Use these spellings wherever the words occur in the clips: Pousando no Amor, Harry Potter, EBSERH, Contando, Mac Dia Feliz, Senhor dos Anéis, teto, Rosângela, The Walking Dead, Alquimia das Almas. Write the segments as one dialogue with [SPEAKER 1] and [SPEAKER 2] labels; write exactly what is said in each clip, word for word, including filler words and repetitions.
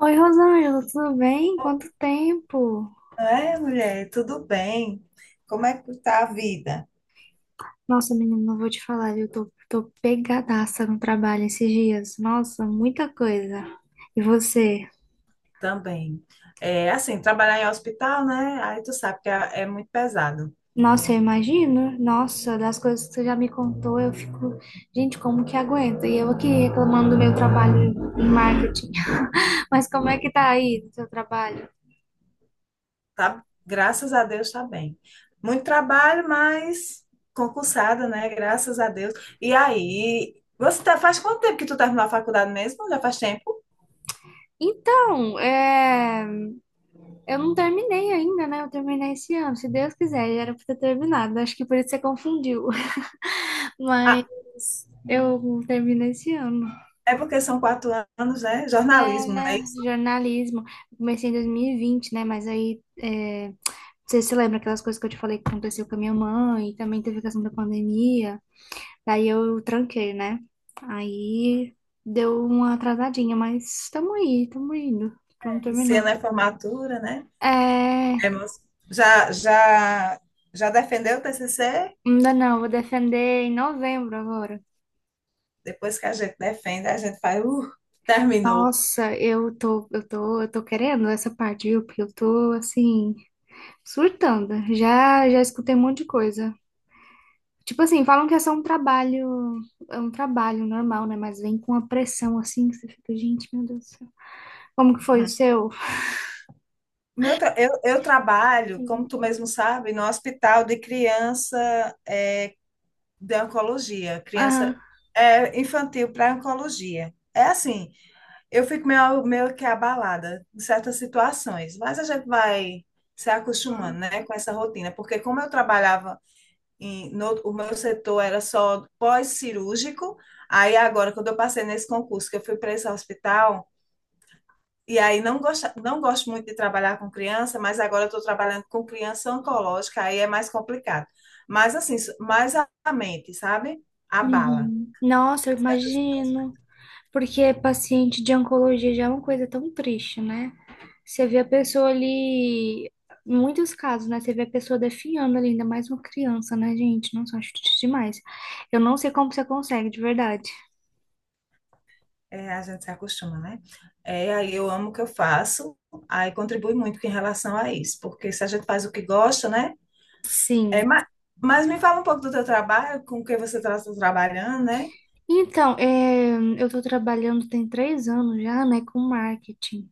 [SPEAKER 1] Oi, Rosângela, tudo bem? Quanto tempo?
[SPEAKER 2] É, mulher, tudo bem? Como é que tá a vida?
[SPEAKER 1] Nossa, menina, não vou te falar, eu tô, tô pegadaça no trabalho esses dias. Nossa, muita coisa. E você?
[SPEAKER 2] Também. É assim, trabalhar em hospital, né? Aí tu sabe que é, é muito pesado,
[SPEAKER 1] Nossa, eu imagino. Nossa, das coisas que você já me contou, eu fico, gente, como que aguenta? E eu aqui reclamando do meu trabalho em marketing. Mas como é que tá aí o seu trabalho?
[SPEAKER 2] tá? Graças a Deus tá bem. Muito trabalho, mas concursada, né? Graças a Deus. E aí, você tá, faz quanto tempo que tu terminou a faculdade mesmo? Já faz tempo?
[SPEAKER 1] Então, é... eu não terminei ainda, né? Eu terminei esse ano, se Deus quiser, já era pra ter terminado. Acho que por isso você confundiu. Mas
[SPEAKER 2] Ah,
[SPEAKER 1] eu termino esse ano.
[SPEAKER 2] é porque são quatro anos, né? Jornalismo, não é isso?
[SPEAKER 1] É, jornalismo. Eu comecei em dois mil e vinte, né? Mas aí, é, você se lembra aquelas coisas que eu te falei que aconteceu com a minha mãe? Também teve a questão da pandemia. Daí eu tranquei, né? Aí deu uma atrasadinha, mas estamos aí, estamos indo. Estamos
[SPEAKER 2] Esse
[SPEAKER 1] terminando.
[SPEAKER 2] ano é formatura, né?
[SPEAKER 1] É,
[SPEAKER 2] É, mas já, já, já defendeu o T C C?
[SPEAKER 1] ainda não, vou defender em novembro agora.
[SPEAKER 2] Depois que a gente defende, a gente faz, uh, terminou.
[SPEAKER 1] Nossa, eu tô, eu tô, eu tô querendo essa parte, viu? Porque eu tô assim. Surtando. Já, já escutei um monte de coisa. Tipo assim, falam que é só um trabalho, é um trabalho normal, né? Mas vem com uma pressão assim que você fica, gente, meu Deus do céu. Como que foi o seu?
[SPEAKER 2] Meu tra- eu, eu trabalho, como tu mesmo sabe, no hospital de criança é, de oncologia,
[SPEAKER 1] Ah,
[SPEAKER 2] criança é, infantil para oncologia. É assim, eu fico meio, meio que abalada em certas situações, mas a gente vai se acostumando, né, com essa rotina, porque como eu trabalhava em, no, o meu setor era só pós-cirúrgico. Aí agora, quando eu passei nesse concurso, que eu fui para esse hospital, e aí não gosto, não gosto muito de trabalhar com criança, mas agora eu estou trabalhando com criança oncológica, aí é mais complicado. Mas assim, s- mais a a mente, sabe? Abala.
[SPEAKER 1] uhum. Nossa, eu
[SPEAKER 2] Certas pessoas,
[SPEAKER 1] imagino. Porque paciente de oncologia já é uma coisa tão triste, né? Você vê a pessoa ali, em muitos casos, né? Você vê a pessoa definhando ali, ainda mais uma criança, né, gente? Nossa, eu acho triste demais. Eu não sei como você consegue, de verdade.
[SPEAKER 2] é, a gente se acostuma, né? É, aí eu amo o que eu faço, aí contribui muito em relação a isso, porque se a gente faz o que gosta, né? É,
[SPEAKER 1] Sim.
[SPEAKER 2] mas, mas, me fala um pouco do teu trabalho, com o que você está trabalhando, né?
[SPEAKER 1] Então, é, eu estou trabalhando tem três anos já, né, com marketing.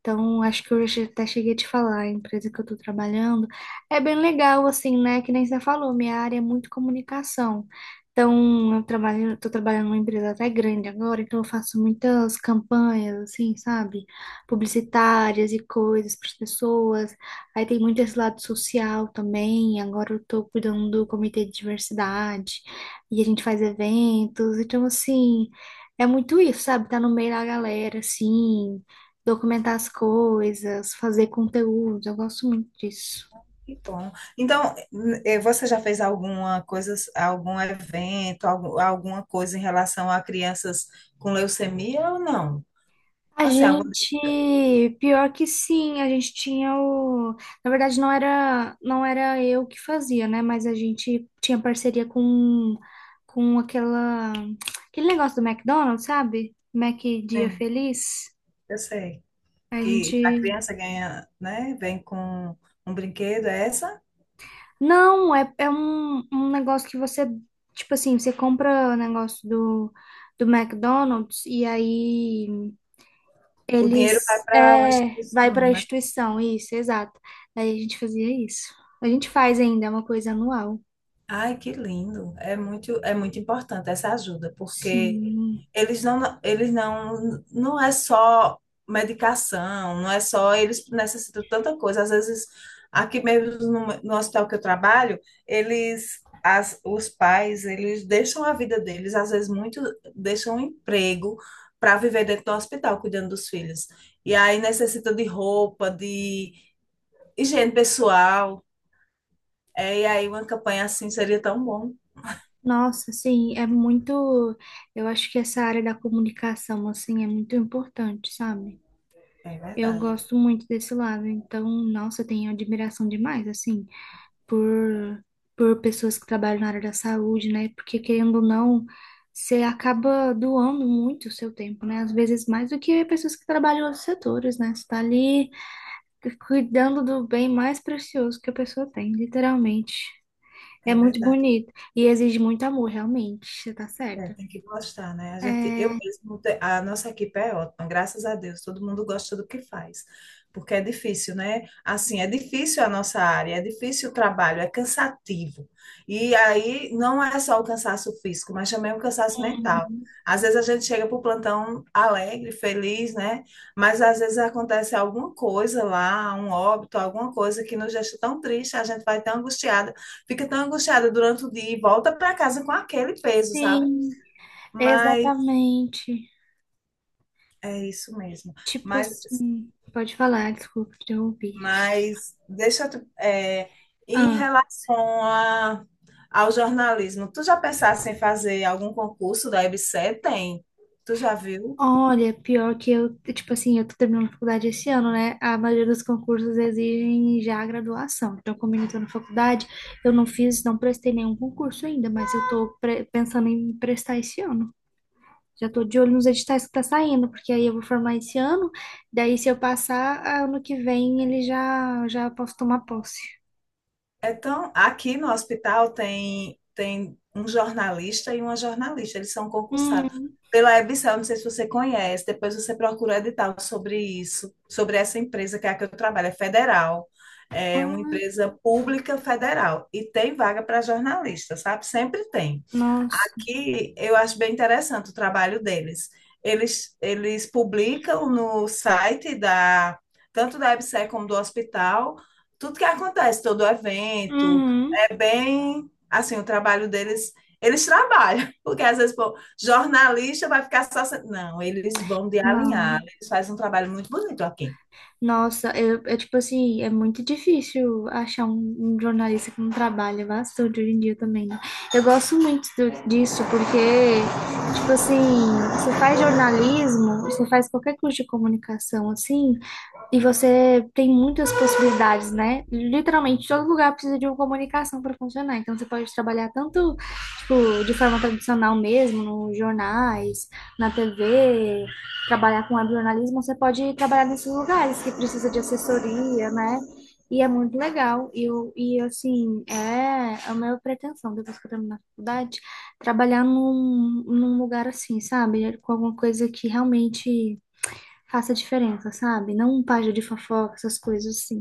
[SPEAKER 1] Então, acho que eu já até cheguei a te falar, a empresa que eu estou trabalhando é bem legal, assim, né? Que nem você falou, minha área é muito comunicação. Então, eu trabalho, estou trabalhando numa empresa até grande agora, então eu faço muitas campanhas, assim, sabe? Publicitárias e coisas para as pessoas. Aí tem muito esse lado social também. Agora eu estou cuidando do comitê de diversidade e a gente faz eventos. Então, assim, é muito isso, sabe? Tá no meio da galera, assim, documentar as coisas, fazer conteúdo, eu gosto muito disso.
[SPEAKER 2] Que bom. Então, eh, você já fez alguma coisa, algum evento, algu- alguma coisa em relação a crianças com leucemia ou não?
[SPEAKER 1] A
[SPEAKER 2] Assim, algo
[SPEAKER 1] gente, Pior que sim, a gente tinha o, na verdade não era, não era eu que fazia, né, mas a gente tinha parceria com com aquela, aquele negócio do McDonald's, sabe? Mac Dia
[SPEAKER 2] assim,
[SPEAKER 1] Feliz.
[SPEAKER 2] eu sei
[SPEAKER 1] A
[SPEAKER 2] que a
[SPEAKER 1] gente
[SPEAKER 2] criança ganha, né, vem com um brinquedo, é essa?
[SPEAKER 1] Não, é, é um, um negócio que você, tipo assim, você compra o negócio do do McDonald's e aí
[SPEAKER 2] O dinheiro vai
[SPEAKER 1] Eles
[SPEAKER 2] para uma
[SPEAKER 1] é, vai para
[SPEAKER 2] instituição,
[SPEAKER 1] a
[SPEAKER 2] né?
[SPEAKER 1] instituição, isso, exato. Aí a gente fazia isso. A gente faz ainda, é uma coisa anual.
[SPEAKER 2] Ai, que lindo. É muito, é muito importante essa ajuda, porque
[SPEAKER 1] Sim.
[SPEAKER 2] eles não, eles não, não é só medicação. Não é só, eles necessitam de tanta coisa. Às vezes, aqui mesmo no, no hospital que eu trabalho, eles, as, os pais, eles deixam a vida deles, às vezes muito, deixam um emprego para viver dentro do hospital, cuidando dos filhos. E aí necessitam de roupa, de higiene pessoal. É, e aí uma campanha assim seria tão bom.
[SPEAKER 1] Nossa, sim, é muito. Eu acho que essa área da comunicação, assim, é muito importante, sabe?
[SPEAKER 2] É
[SPEAKER 1] Eu
[SPEAKER 2] verdade,
[SPEAKER 1] gosto muito desse lado, então, nossa, eu tenho admiração demais, assim. por, por pessoas que trabalham na área da saúde, né? Porque querendo ou não, você acaba doando muito o seu tempo, né? Às vezes mais do que pessoas que trabalham em outros setores, né? Você está ali cuidando do bem mais precioso que a pessoa tem, literalmente. É
[SPEAKER 2] é
[SPEAKER 1] muito
[SPEAKER 2] verdade.
[SPEAKER 1] bonito e exige muito amor, realmente. Você tá
[SPEAKER 2] É,
[SPEAKER 1] certa.
[SPEAKER 2] tem que gostar, né? A gente, eu
[SPEAKER 1] É...
[SPEAKER 2] mesmo, te- a nossa equipe é ótima, graças a Deus, todo mundo gosta do que faz, porque é difícil, né? Assim, é difícil a nossa área, é difícil o trabalho, é cansativo. E aí não é só o cansaço físico, mas também o cansaço mental.
[SPEAKER 1] Uhum.
[SPEAKER 2] Às vezes a gente chega para o plantão alegre, feliz, né? Mas às vezes acontece alguma coisa lá, um óbito, alguma coisa que nos deixa tão triste, a gente vai tão angustiada, fica tão angustiada durante o dia e volta para casa com aquele peso, sabe?
[SPEAKER 1] Sim,
[SPEAKER 2] Mas
[SPEAKER 1] exatamente.
[SPEAKER 2] é isso mesmo.
[SPEAKER 1] Tipo
[SPEAKER 2] Mas,
[SPEAKER 1] assim, pode falar, desculpa te ouvir.
[SPEAKER 2] mas deixa eu, te- é, em
[SPEAKER 1] Ah,
[SPEAKER 2] relação a, ao jornalismo, tu já pensaste em fazer algum concurso da EBSERH? Tem. Tu já viu?
[SPEAKER 1] olha, pior que eu, tipo assim, eu tô terminando a faculdade esse ano, né? A maioria dos concursos exigem já a graduação. Então, como eu ainda tô na faculdade, eu não fiz, não prestei nenhum concurso ainda, mas eu tô pre- pensando em prestar esse ano. Já tô de olho nos editais que tá saindo, porque aí eu vou formar esse ano, daí se eu passar, ano que vem ele já já posso tomar posse.
[SPEAKER 2] Então, aqui no hospital tem, tem um jornalista e uma jornalista, eles são concursados.
[SPEAKER 1] Hum.
[SPEAKER 2] Pela EBSERH, não sei se você conhece, depois você procura edital sobre isso, sobre essa empresa que é a que eu trabalho, é federal, é uma
[SPEAKER 1] Ai,
[SPEAKER 2] empresa pública federal, e tem vaga para jornalista, sabe? Sempre tem.
[SPEAKER 1] nossa.
[SPEAKER 2] Aqui eu acho bem interessante o trabalho deles. Eles, eles publicam no site da, tanto da EBSERH como do hospital, tudo que acontece, todo evento,
[SPEAKER 1] Uhum.
[SPEAKER 2] é bem assim, o trabalho deles, eles trabalham, porque às vezes, pô, jornalista vai ficar só. se- Não, eles vão de alinhar,
[SPEAKER 1] Não.
[SPEAKER 2] eles fazem um trabalho muito bonito aqui.
[SPEAKER 1] Nossa, eu, eu, tipo assim, é muito difícil achar um, um jornalista que não trabalha é bastante hoje em dia também, né? Eu gosto muito do- disso, porque tipo assim, você faz jornalismo, você faz qualquer curso de comunicação, assim, e você tem muitas possibilidades, né? Literalmente, todo lugar precisa de uma comunicação para funcionar. Então, você pode trabalhar tanto, tipo, de forma tradicional mesmo, nos jornais, na T V, trabalhar com webjornalismo, você pode trabalhar nesses lugares que precisa de assessoria, né? E é muito legal. E, eu, e assim, é é a minha pretensão, depois que eu terminar a faculdade, trabalhar num, num lugar assim, sabe? Com alguma coisa que realmente faça diferença, sabe? Não um página de fofoca, essas coisas assim.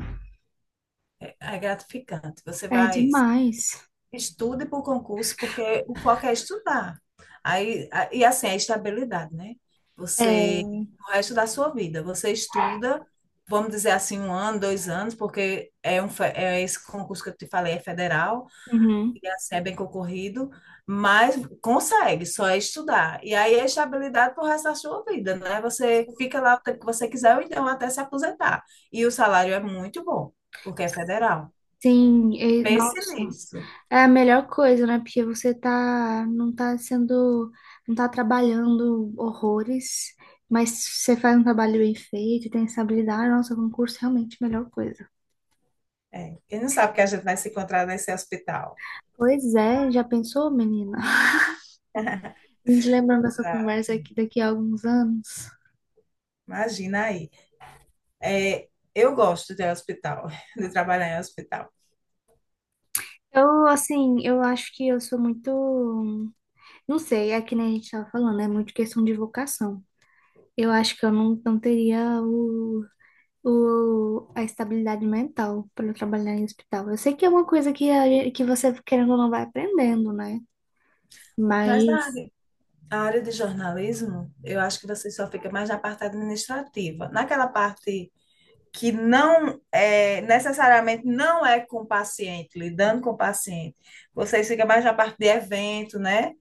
[SPEAKER 2] É, é gratificante. Você
[SPEAKER 1] É
[SPEAKER 2] vai,
[SPEAKER 1] demais.
[SPEAKER 2] estude para o concurso, porque o foco é estudar. Aí, a- e assim, a estabilidade, né? Você,
[SPEAKER 1] É.
[SPEAKER 2] o resto da sua vida, você estuda. Vamos dizer assim, um ano, dois anos, porque é, um, fe- é esse concurso que eu te falei, é federal.
[SPEAKER 1] Uhum.
[SPEAKER 2] Ia ser é bem concorrido, mas consegue, só é estudar. E aí é estabilidade pro resto da sua vida, né? Você fica lá o tempo que você quiser, ou então até se aposentar. E o salário é muito bom, porque é federal.
[SPEAKER 1] Sim, e-
[SPEAKER 2] Pense
[SPEAKER 1] nossa,
[SPEAKER 2] nisso.
[SPEAKER 1] é a melhor coisa, né? Porque você tá, não tá sendo, não tá trabalhando horrores, mas você faz um trabalho bem feito, tem estabilidade, nossa, concurso é realmente a melhor coisa.
[SPEAKER 2] É. Quem não sabe que a gente vai se encontrar nesse hospital?
[SPEAKER 1] Pois é, já pensou, menina? A gente lembrando dessa
[SPEAKER 2] Ah,
[SPEAKER 1] conversa aqui daqui a alguns anos.
[SPEAKER 2] imagina aí. É, eu gosto de hospital, de trabalhar em hospital.
[SPEAKER 1] Eu, assim, eu acho que eu sou muito. Não sei, é que nem a gente estava falando, é muito questão de vocação. Eu acho que eu não, não teria o, o, a estabilidade mental para trabalhar em hospital. Eu sei que é uma coisa que, a gen- que você, querendo ou não, vai aprendendo, né?
[SPEAKER 2] Mas na
[SPEAKER 1] Mas.
[SPEAKER 2] área, a área de jornalismo, eu acho que você só fica mais na parte administrativa. Naquela parte que não é, necessariamente não é com o paciente, lidando com o paciente. Vocês ficam mais na parte de evento, né?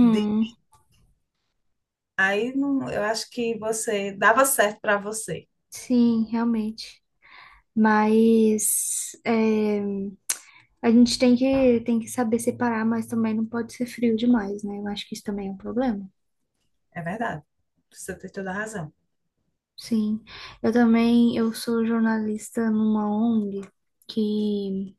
[SPEAKER 2] De- aí não- eu acho que você dava certo para você.
[SPEAKER 1] sim, realmente. Mas. é, a gente tem que, tem que saber separar, mas também não pode ser frio demais, né? Eu acho que isso também é um problema.
[SPEAKER 2] É verdade. Você tem toda a razão.
[SPEAKER 1] Sim, eu também, eu sou jornalista numa ONG que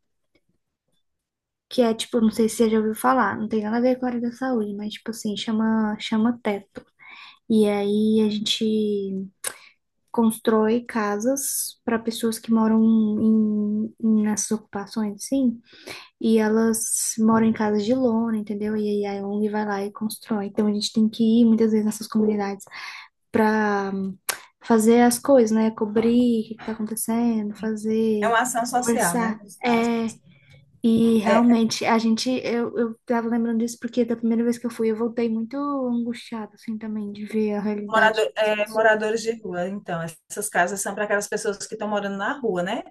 [SPEAKER 1] que é tipo, não sei se você já ouviu falar, não tem nada a ver com a área da saúde, mas tipo assim, chama, chama teto. E aí a gente constrói casas para pessoas que moram em, em- nessas ocupações, sim, e elas moram em casas de lona, entendeu? E aí a ONG vai lá e constrói. Então a gente tem que ir muitas vezes nessas comunidades para fazer as coisas, né? Cobrir o que que tá acontecendo,
[SPEAKER 2] É
[SPEAKER 1] fazer,
[SPEAKER 2] uma ação social, né?
[SPEAKER 1] conversar.
[SPEAKER 2] Nos casos.
[SPEAKER 1] É, e
[SPEAKER 2] É, é
[SPEAKER 1] realmente, a gente, eu, eu tava lembrando disso porque da primeira vez que eu fui, eu voltei muito angustiada, assim, também, de ver a realidade
[SPEAKER 2] morador,
[SPEAKER 1] das
[SPEAKER 2] é,
[SPEAKER 1] pessoas.
[SPEAKER 2] moradores de rua, então. Essas casas são para aquelas pessoas que estão morando na rua, né?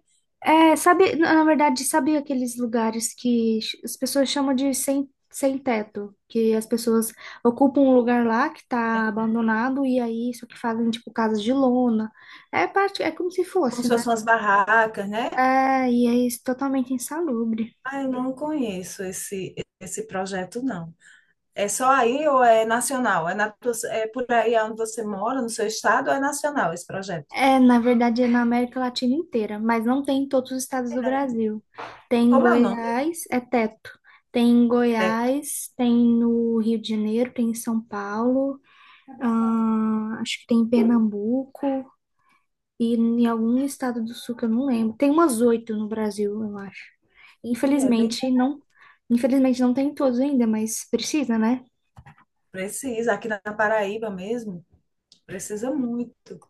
[SPEAKER 1] É, sabe, na na verdade, sabe aqueles lugares que ch- as pessoas chamam de sem, sem teto, que as pessoas ocupam um lugar lá que tá abandonado e aí só que fazem, tipo, casas de lona. É parte, é como se
[SPEAKER 2] Como se
[SPEAKER 1] fosse, né?
[SPEAKER 2] fossem umas barracas, né?
[SPEAKER 1] É, e é isso, totalmente insalubre.
[SPEAKER 2] Ah, eu não conheço esse, esse projeto, não. É só aí ou é nacional? É, na, tua- é por aí onde você mora, no seu estado, ou é nacional esse projeto?
[SPEAKER 1] É, na verdade, é na América Latina inteira, mas não tem em todos os estados do
[SPEAKER 2] É, né?
[SPEAKER 1] Brasil. Tem em
[SPEAKER 2] Como é o nome?
[SPEAKER 1] Goiás, é teto. Tem em
[SPEAKER 2] Preto.
[SPEAKER 1] Goiás, tem no Rio de Janeiro, tem em São Paulo, ah, acho que tem em Pernambuco e em algum estado do sul que eu não lembro. Tem umas oito no Brasil, eu acho.
[SPEAKER 2] E é bem
[SPEAKER 1] Infelizmente, não, infelizmente não tem em todos ainda, mas precisa, né?
[SPEAKER 2] precisa, aqui na Paraíba mesmo, precisa muito.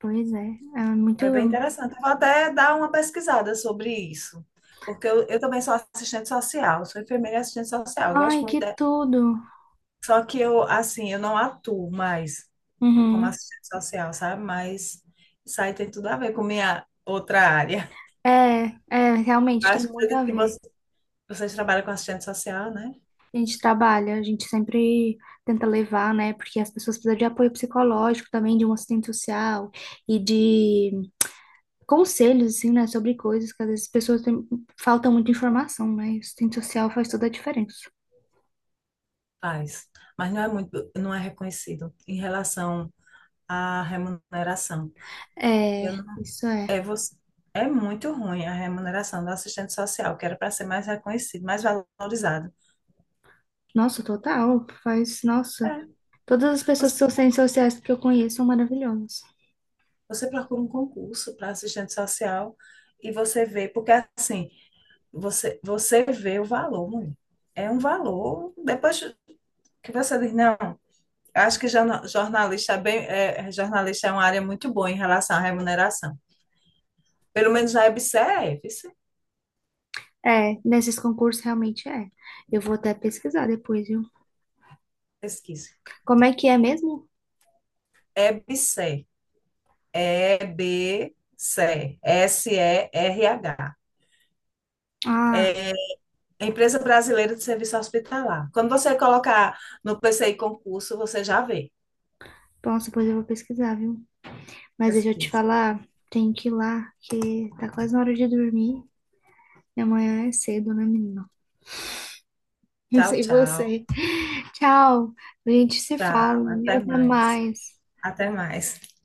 [SPEAKER 1] Pois é, é muito.
[SPEAKER 2] É bem interessante. Eu vou até dar uma pesquisada sobre isso, porque eu, eu também sou assistente social, sou enfermeira e assistente social, eu
[SPEAKER 1] Ai,
[SPEAKER 2] gosto muito.
[SPEAKER 1] que
[SPEAKER 2] de-
[SPEAKER 1] tudo!
[SPEAKER 2] Só que eu, assim, eu não atuo mais como
[SPEAKER 1] Uhum.
[SPEAKER 2] assistente social, sabe? Mas isso aí tem tudo a ver com minha outra área.
[SPEAKER 1] É, é, realmente tem
[SPEAKER 2] Acho que você
[SPEAKER 1] muito a
[SPEAKER 2] disse que
[SPEAKER 1] ver.
[SPEAKER 2] você Você trabalha com assistente social, né?
[SPEAKER 1] A gente trabalha, a gente sempre tenta levar, né? Porque as pessoas precisam de apoio psicológico também, de um assistente social e de conselhos, assim, né? Sobre coisas que às vezes as pessoas têm, falta muita informação, né? E o assistente social faz toda a diferença.
[SPEAKER 2] Faz. Mas não é muito, não é reconhecido em relação à remuneração. Eu
[SPEAKER 1] É,
[SPEAKER 2] não-
[SPEAKER 1] isso é.
[SPEAKER 2] é, você, é muito ruim a remuneração do assistente social, que era para ser mais reconhecido, mais valorizado.
[SPEAKER 1] Nossa, total, faz,
[SPEAKER 2] É,
[SPEAKER 1] nossa. Todas as pessoas
[SPEAKER 2] você,
[SPEAKER 1] que são assistentes sociais que eu conheço são maravilhosas.
[SPEAKER 2] você procura um concurso para assistente social e você vê, porque assim, Você, você vê o valor, mulher. É um valor. Depois que você diz, não, acho que jorna- jornalista é bem, é, é, jornalista é uma área muito boa em relação à remuneração. Pelo menos na E B S E R é, viu? Cê?
[SPEAKER 1] É, nesses concursos realmente é. Eu vou até pesquisar depois, viu?
[SPEAKER 2] Pesquisa.
[SPEAKER 1] Como é que é mesmo?
[SPEAKER 2] E B S E R, E B S E R, S E R H.
[SPEAKER 1] Ah,
[SPEAKER 2] Empresa Brasileira de Serviço Hospitalar. Quando você colocar no P C I concurso, você já vê.
[SPEAKER 1] nossa, depois eu vou pesquisar, viu? Mas deixa eu te
[SPEAKER 2] Pesquisa.
[SPEAKER 1] falar, tem que ir lá, que tá quase na hora de dormir. E amanhã é cedo, né, menina? Não
[SPEAKER 2] Tchau,
[SPEAKER 1] sei
[SPEAKER 2] tchau.
[SPEAKER 1] você. Tchau. A gente se
[SPEAKER 2] Tchau.
[SPEAKER 1] fala. Meu,
[SPEAKER 2] Até
[SPEAKER 1] até
[SPEAKER 2] mais.
[SPEAKER 1] mais.
[SPEAKER 2] Até mais.